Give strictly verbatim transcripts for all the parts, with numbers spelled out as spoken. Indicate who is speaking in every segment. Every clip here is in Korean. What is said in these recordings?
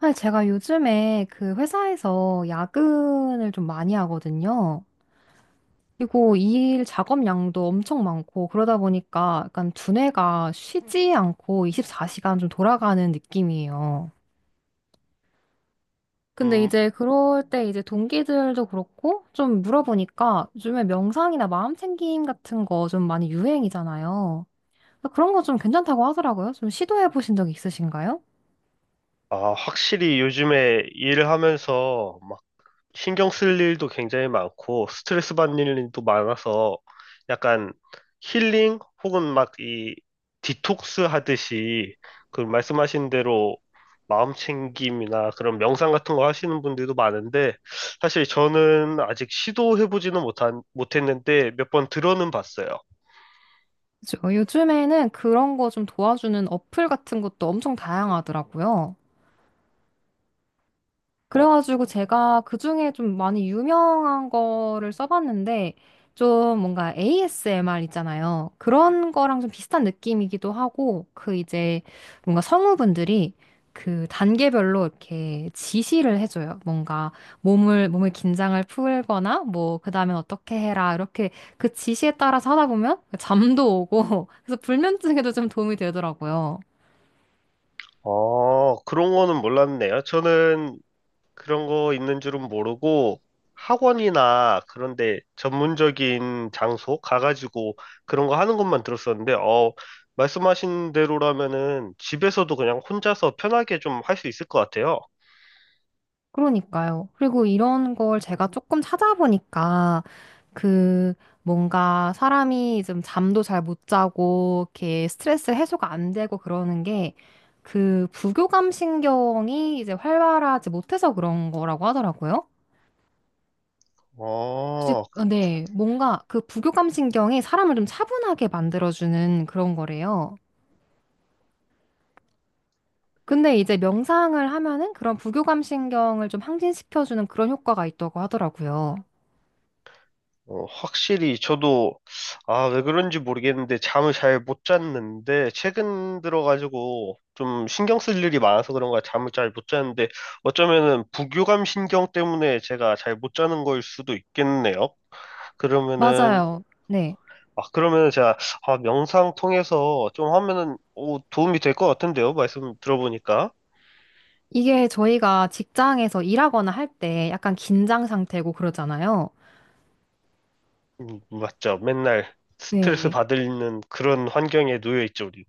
Speaker 1: 사실 제가 요즘에 그 회사에서 야근을 좀 많이 하거든요. 그리고 일 작업량도 엄청 많고 그러다 보니까 약간 두뇌가 쉬지 않고 이십사 시간 좀 돌아가는 느낌이에요. 근데
Speaker 2: 음,
Speaker 1: 이제 그럴 때 이제 동기들도 그렇고 좀 물어보니까 요즘에 명상이나 마음 챙김 같은 거 좀 많이 유행이잖아요. 그런 거 좀 괜찮다고 하더라고요. 좀 시도해 보신 적 있으신가요?
Speaker 2: 아, 확실히 요즘에 일을 하면서 막 신경 쓸 일도 굉장히 많고 스트레스 받는 일도 많아서 약간 힐링 혹은 막 이 디톡스 하듯이 그 말씀하신 대로 마음 챙김이나 그런 명상 같은 거 하시는 분들도 많은데, 사실 저는 아직 시도해보지는 못한, 못했는데 몇 번 들어는 봤어요.
Speaker 1: 그죠. 요즘에는 그런 거 좀 도와주는 어플 같은 것도 엄청 다양하더라고요.
Speaker 2: 어,
Speaker 1: 그래가지고 제가 그중에 좀 많이 유명한 거를 써봤는데 좀 뭔가 에이에스엠알 있잖아요. 그런 거랑 좀 비슷한 느낌이기도 하고 그 이제 뭔가 성우분들이 그 단계별로 이렇게 지시를 해줘요. 뭔가 몸을, 몸의 긴장을 풀거나 뭐 그다음에 어떻게 해라 이렇게 그 지시에 따라서 하다 보면 잠도 오고 그래서 불면증에도 좀 도움이 되더라고요.
Speaker 2: 어, 그런 거는 몰랐네요. 저는 그런 거 있는 줄은 모르고 학원이나 그런데 전문적인 장소 가가지고 그런 거 하는 것만 들었었는데, 어, 말씀하신 대로라면은 집에서도 그냥 혼자서 편하게 좀 할 수 있을 것 같아요.
Speaker 1: 그러니까요. 그리고 이런 걸 제가 조금 찾아보니까 그 뭔가 사람이 좀 잠도 잘 못 자고 이렇게 스트레스 해소가 안 되고 그러는 게 그 부교감 신경이 이제 활발하지 못해서 그런 거라고 하더라고요. 혹시
Speaker 2: 어,
Speaker 1: 어, 네, 뭔가 그 부교감 신경이 사람을 좀 차분하게 만들어주는 그런 거래요. 근데 이제 명상을 하면은 그런 부교감 신경을 좀 항진시켜주는 그런 효과가 있다고 하더라고요.
Speaker 2: 어, 확실히 저도 아, 왜 그런지 모르겠는데 잠을 잘 못 잤는데 최근 들어가지고 좀 신경 쓸 일이 많아서 그런가 잠을 잘 못 잤는데 어쩌면은 부교감 신경 때문에 제가 잘 못 자는 걸 수도 있겠네요. 그러면은
Speaker 1: 맞아요. 네.
Speaker 2: 아, 그러면은 제가 아, 명상 통해서 좀 하면은 오, 도움이 될 것 같은데요, 말씀 들어보니까.
Speaker 1: 이게 저희가 직장에서 일하거나 할 때 약간 긴장 상태고 그러잖아요.
Speaker 2: 음, 맞죠. 맨날 스트레스
Speaker 1: 네.
Speaker 2: 받는 그런 환경에 놓여 있죠, 우리.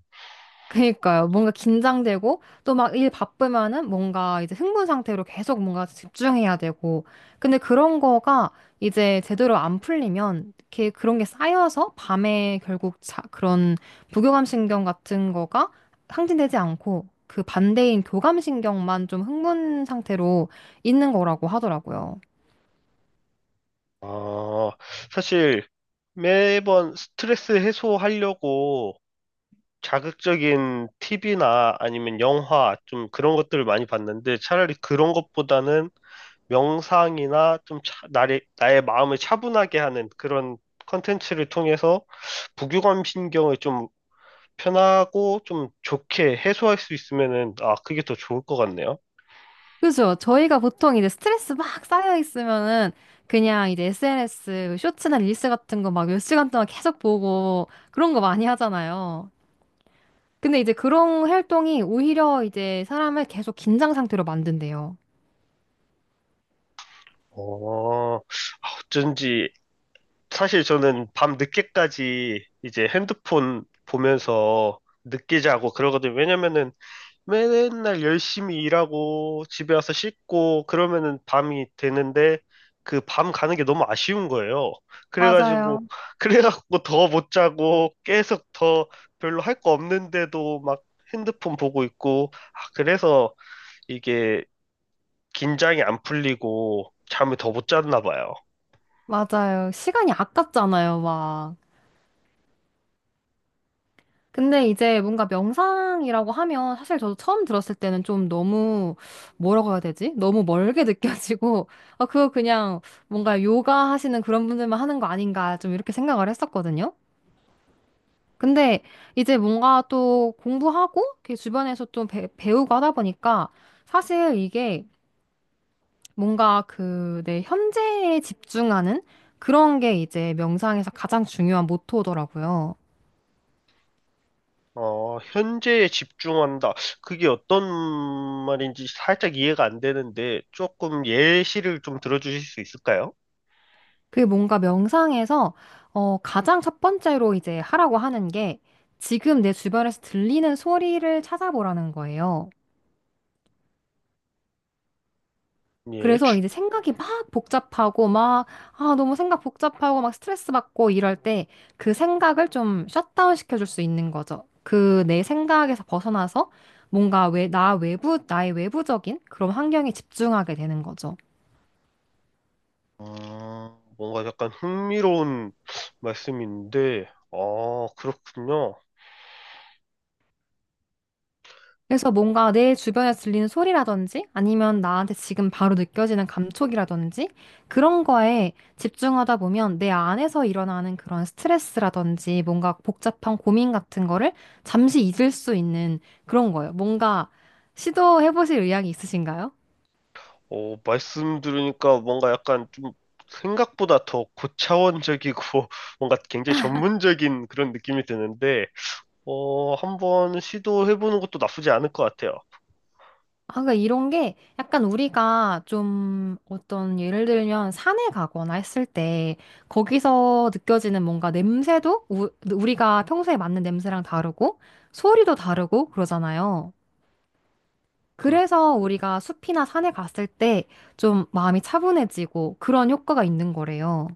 Speaker 1: 그러니까요. 뭔가 긴장되고 또 막 일 바쁘면은 뭔가 이제 흥분 상태로 계속 뭔가 집중해야 되고. 근데 그런 거가 이제 제대로 안 풀리면 이렇게 그런 게 쌓여서 밤에 결국 자, 그런 부교감신경 같은 거가 상진되지 않고 그 반대인 교감신경만 좀 흥분 상태로 있는 거라고 하더라고요.
Speaker 2: 아, 사실 매번 스트레스 해소하려고 자극적인 티비나 아니면 영화 좀 그런 것들을 많이 봤는데, 차라리 그런 것보다는 명상이나 좀 차- 나의, 나의 마음을 차분하게 하는 그런 컨텐츠를 통해서 부교감 신경을 좀 편하고 좀 좋게 해소할 수 있으면은 아, 그게 더 좋을 것 같네요.
Speaker 1: 그죠? 저희가 보통 이제 스트레스 막 쌓여 있으면은 그냥 이제 에스엔에스 쇼츠나 릴스 같은 거 막 몇 시간 동안 계속 보고 그런 거 많이 하잖아요. 근데 이제 그런 활동이 오히려 이제 사람을 계속 긴장 상태로 만든대요.
Speaker 2: 어, 아, 어쩐지 사실 저는 밤 늦게까지 이제 핸드폰 보면서 늦게 자고 그러거든요. 왜냐면은 맨날 열심히 일하고 집에 와서 씻고 그러면은 밤이 되는데, 그 밤 가는 게 너무 아쉬운 거예요.
Speaker 1: 맞아요.
Speaker 2: 그래가지고 그래갖고 더 못 자고 계속 더 별로 할 거 없는데도 막 핸드폰 보고 있고, 아, 그래서 이게 긴장이 안 풀리고 잠을 더 못 잤나 봐요.
Speaker 1: 맞아요. 시간이 아깝잖아요, 막. 근데 이제 뭔가 명상이라고 하면 사실 저도 처음 들었을 때는 좀 너무 뭐라고 해야 되지? 너무 멀게 느껴지고 아 그거 그냥 뭔가 요가 하시는 그런 분들만 하는 거 아닌가 좀 이렇게 생각을 했었거든요. 근데 이제 뭔가 또 공부하고 이렇게 주변에서 좀 배, 배우고 하다 보니까 사실 이게 뭔가 그 내 현재에 집중하는 그런 게 이제 명상에서 가장 중요한 모토더라고요.
Speaker 2: 어, 현재에 집중한다. 그게 어떤 말인지 살짝 이해가 안 되는데 조금 예시를 좀 들어주실 수 있을까요?
Speaker 1: 그게 뭔가 명상에서 어, 가장 첫 번째로 이제 하라고 하는 게 지금 내 주변에서 들리는 소리를 찾아보라는 거예요.
Speaker 2: 예,
Speaker 1: 그래서
Speaker 2: 추-
Speaker 1: 이제 생각이 막 복잡하고 막, 아, 너무 생각 복잡하고 막 스트레스 받고 이럴 때 그 생각을 좀 셧다운 시켜줄 수 있는 거죠. 그 내 생각에서 벗어나서 뭔가 왜, 나 외부, 나의 외부적인 그런 환경에 집중하게 되는 거죠.
Speaker 2: 음, 뭔가 약간 흥미로운 말씀인데, 아, 그렇군요.
Speaker 1: 그래서 뭔가 내 주변에 들리는 소리라든지 아니면 나한테 지금 바로 느껴지는 감촉이라든지 그런 거에 집중하다 보면 내 안에서 일어나는 그런 스트레스라든지 뭔가 복잡한 고민 같은 거를 잠시 잊을 수 있는 그런 거예요. 뭔가 시도해 보실 의향이 있으신가요?
Speaker 2: 어, 말씀 들으니까 뭔가 약간 좀 생각보다 더 고차원적이고 뭔가 굉장히 전문적인 그런 느낌이 드는데, 어, 한번 시도해보는 것도 나쁘지 않을 것 같아요.
Speaker 1: 아, 그러니까 이런 게 약간 우리가 좀 어떤 예를 들면 산에 가거나 했을 때 거기서 느껴지는 뭔가 냄새도 우, 우리가 평소에 맡는 냄새랑 다르고 소리도 다르고 그러잖아요.
Speaker 2: 그,
Speaker 1: 그래서 우리가 숲이나 산에 갔을 때 좀 마음이 차분해지고 그런 효과가 있는 거래요.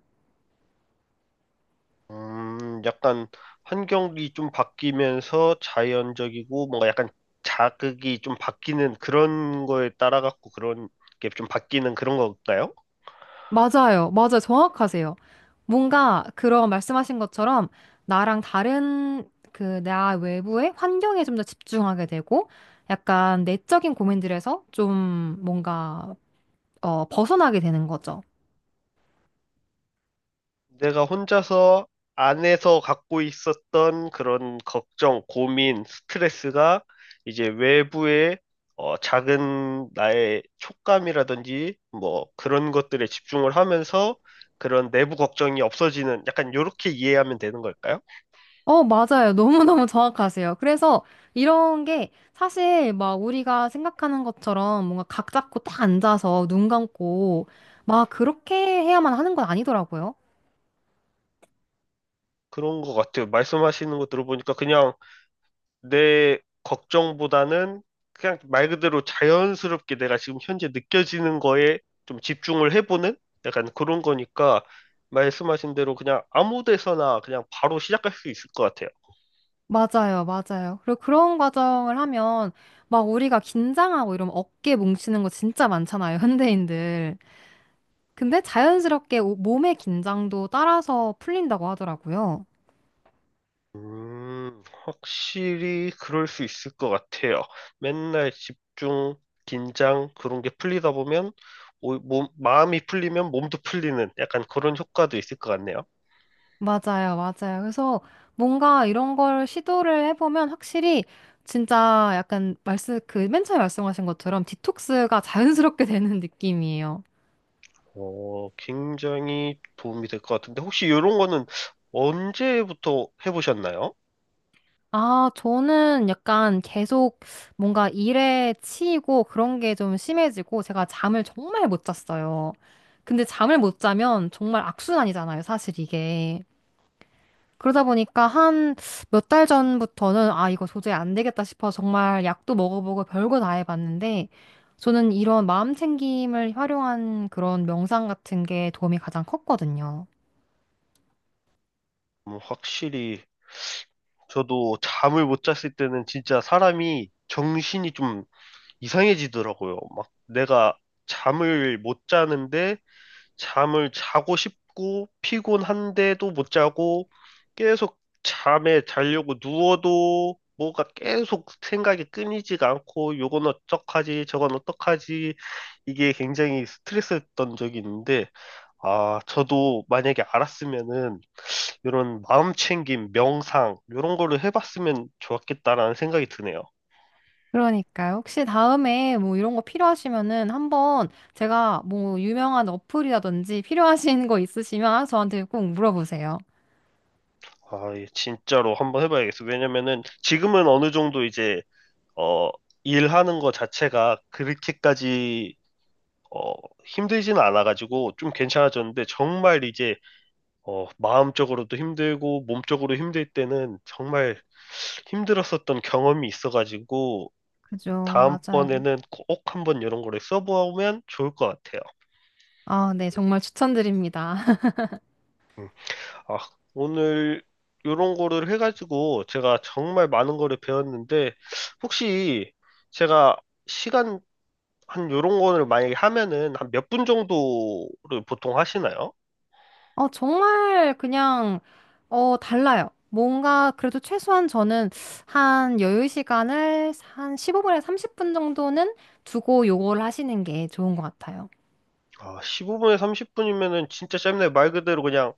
Speaker 2: 음, 약간 환경이 좀 바뀌면서 자연적이고 뭔가 약간 자극이 좀 바뀌는 그런 거에 따라 갖고 그런 게 좀 바뀌는 그런 건가요?
Speaker 1: 맞아요. 맞아요. 정확하세요. 뭔가 그런 말씀하신 것처럼 나랑 다른 그 나 외부의 환경에 좀 더 집중하게 되고 약간 내적인 고민들에서 좀 뭔가 어, 벗어나게 되는 거죠.
Speaker 2: 내가 혼자서 안에서 갖고 있었던 그런 걱정, 고민, 스트레스가 이제 외부의, 어, 작은 나의 촉감이라든지 뭐 그런 것들에 집중을 하면서 그런 내부 걱정이 없어지는, 약간 요렇게 이해하면 되는 걸까요?
Speaker 1: 어, 맞아요. 너무너무 정확하세요. 그래서 이런 게 사실 막 우리가 생각하는 것처럼 뭔가 각 잡고 딱 앉아서 눈 감고 막 그렇게 해야만 하는 건 아니더라고요.
Speaker 2: 그런 것 같아요. 말씀하시는 거 들어보니까 그냥 내 걱정보다는 그냥 말 그대로 자연스럽게 내가 지금 현재 느껴지는 거에 좀 집중을 해보는 약간 그런 거니까 말씀하신 대로 그냥 아무 데서나 그냥 바로 시작할 수 있을 것 같아요.
Speaker 1: 맞아요, 맞아요. 그리고 그런 과정을 하면 막 우리가 긴장하고 이러면 어깨 뭉치는 거 진짜 많잖아요, 현대인들. 근데 자연스럽게 오- 몸의 긴장도 따라서 풀린다고 하더라고요.
Speaker 2: 음, 확실히 그럴 수 있을 것 같아요. 맨날 집중, 긴장 그런 게 풀리다 보면 오- 몸, 마음이 풀리면 몸도 풀리는 약간 그런 효과도 있을 것 같네요.
Speaker 1: 맞아요, 맞아요. 그래서 뭔가 이런 걸 시도를 해보면 확실히 진짜 약간 말씀, 그 맨 처음에 말씀하신 것처럼 디톡스가 자연스럽게 되는 느낌이에요.
Speaker 2: 어, 굉장히 도움이 될 것 같은데, 혹시 이런 거는 언제부터 해보셨나요?
Speaker 1: 아, 저는 약간 계속 뭔가 일에 치이고 그런 게 좀 심해지고 제가 잠을 정말 못 잤어요. 근데 잠을 못 자면 정말 악순환이잖아요, 사실 이게. 그러다 보니까 한 몇 달 전부터는 아, 이거 도저히 안 되겠다 싶어 정말 약도 먹어보고 별거 다 해봤는데 저는 이런 마음 챙김을 활용한 그런 명상 같은 게 도움이 가장 컸거든요.
Speaker 2: 음, 확실히, 저도 잠을 못 잤을 때는 진짜 사람이 정신이 좀 이상해지더라고요. 막 내가 잠을 못 자는데, 잠을 자고 싶고 피곤한데도 못 자고 계속 잠에 자려고 누워도 뭐가 계속 생각이 끊이지가 않고 요건 어떡하지 저건 어떡하지, 이게 굉장히 스트레스였던 적이 있는데 아, 저도 만약에 알았으면은 이런 마음 챙김 명상 이런 거를 해봤으면 좋았겠다라는 생각이 드네요.
Speaker 1: 그러니까요. 혹시 다음에 뭐 이런 거 필요하시면은 한번 제가 뭐 유명한 어플이라든지 필요하신 거 있으시면 저한테 꼭 물어보세요.
Speaker 2: 아, 예, 진짜로 한번 해봐야겠어. 왜냐면은 지금은 어느 정도 이제 어, 일하는 거 자체가 그렇게까지 어, 힘들지는 않아가지고 좀 괜찮아졌는데 정말 이제 어, 마음적으로도 힘들고 몸적으로 힘들 때는 정말 힘들었었던 경험이 있어가지고
Speaker 1: 그죠. 맞아요.
Speaker 2: 다음번에는 꼭 한번 이런 거를 써보면 좋을 것 같아요.
Speaker 1: 아, 네. 정말 추천드립니다.
Speaker 2: 음. 아, 오늘 이런 거를 해가지고 제가 정말 많은 거를 배웠는데 혹시 제가 시간, 한 요런 거를 만약에 하면은 한 몇 분 정도를 보통 하시나요?
Speaker 1: 어, 정말 그냥, 어, 달라요. 뭔가 그래도 최소한 저는 한 여유 시간을 한 십오 분에 삼십 분 정도는 두고 요거를 하시는 게 좋은 것 같아요.
Speaker 2: 아, 십오 분에 삼십 분이면은 진짜 짧네. 말 그대로 그냥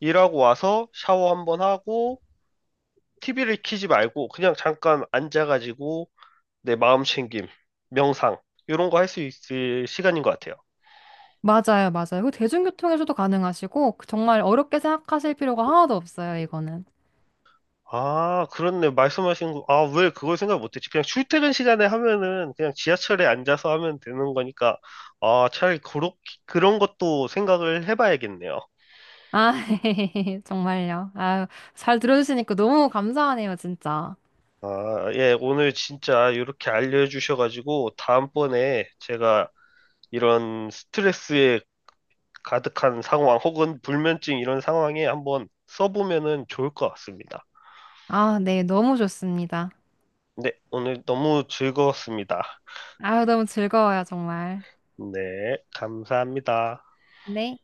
Speaker 2: 일하고 와서 샤워 한번 하고 티비를 켜지 말고 그냥 잠깐 앉아가지고 내 마음 챙김, 명상 이런 거 할 수 있을 시간인 것 같아요.
Speaker 1: 맞아요. 맞아요. 그 대중교통에서도 가능하시고 정말 어렵게 생각하실 필요가 하나도 없어요. 이거는.
Speaker 2: 아, 그렇네. 말씀하신 거. 아, 왜 그걸 생각 못했지? 그냥 출퇴근 시간에 하면은 그냥 지하철에 앉아서 하면 되는 거니까 아, 차라리 그렇 그런 것도 생각을 해봐야겠네요.
Speaker 1: 아, 정말요. 아, 잘 들어주시니까 너무 감사하네요, 진짜.
Speaker 2: 아, 예, 오늘 진짜 이렇게 알려주셔가지고 다음번에 제가 이런 스트레스에 가득한 상황 혹은 불면증 이런 상황에 한번 써보면은 좋을 것 같습니다.
Speaker 1: 아, 네, 너무 좋습니다.
Speaker 2: 네, 오늘 너무 즐거웠습니다.
Speaker 1: 아, 너무 즐거워요, 정말.
Speaker 2: 네, 감사합니다.
Speaker 1: 네.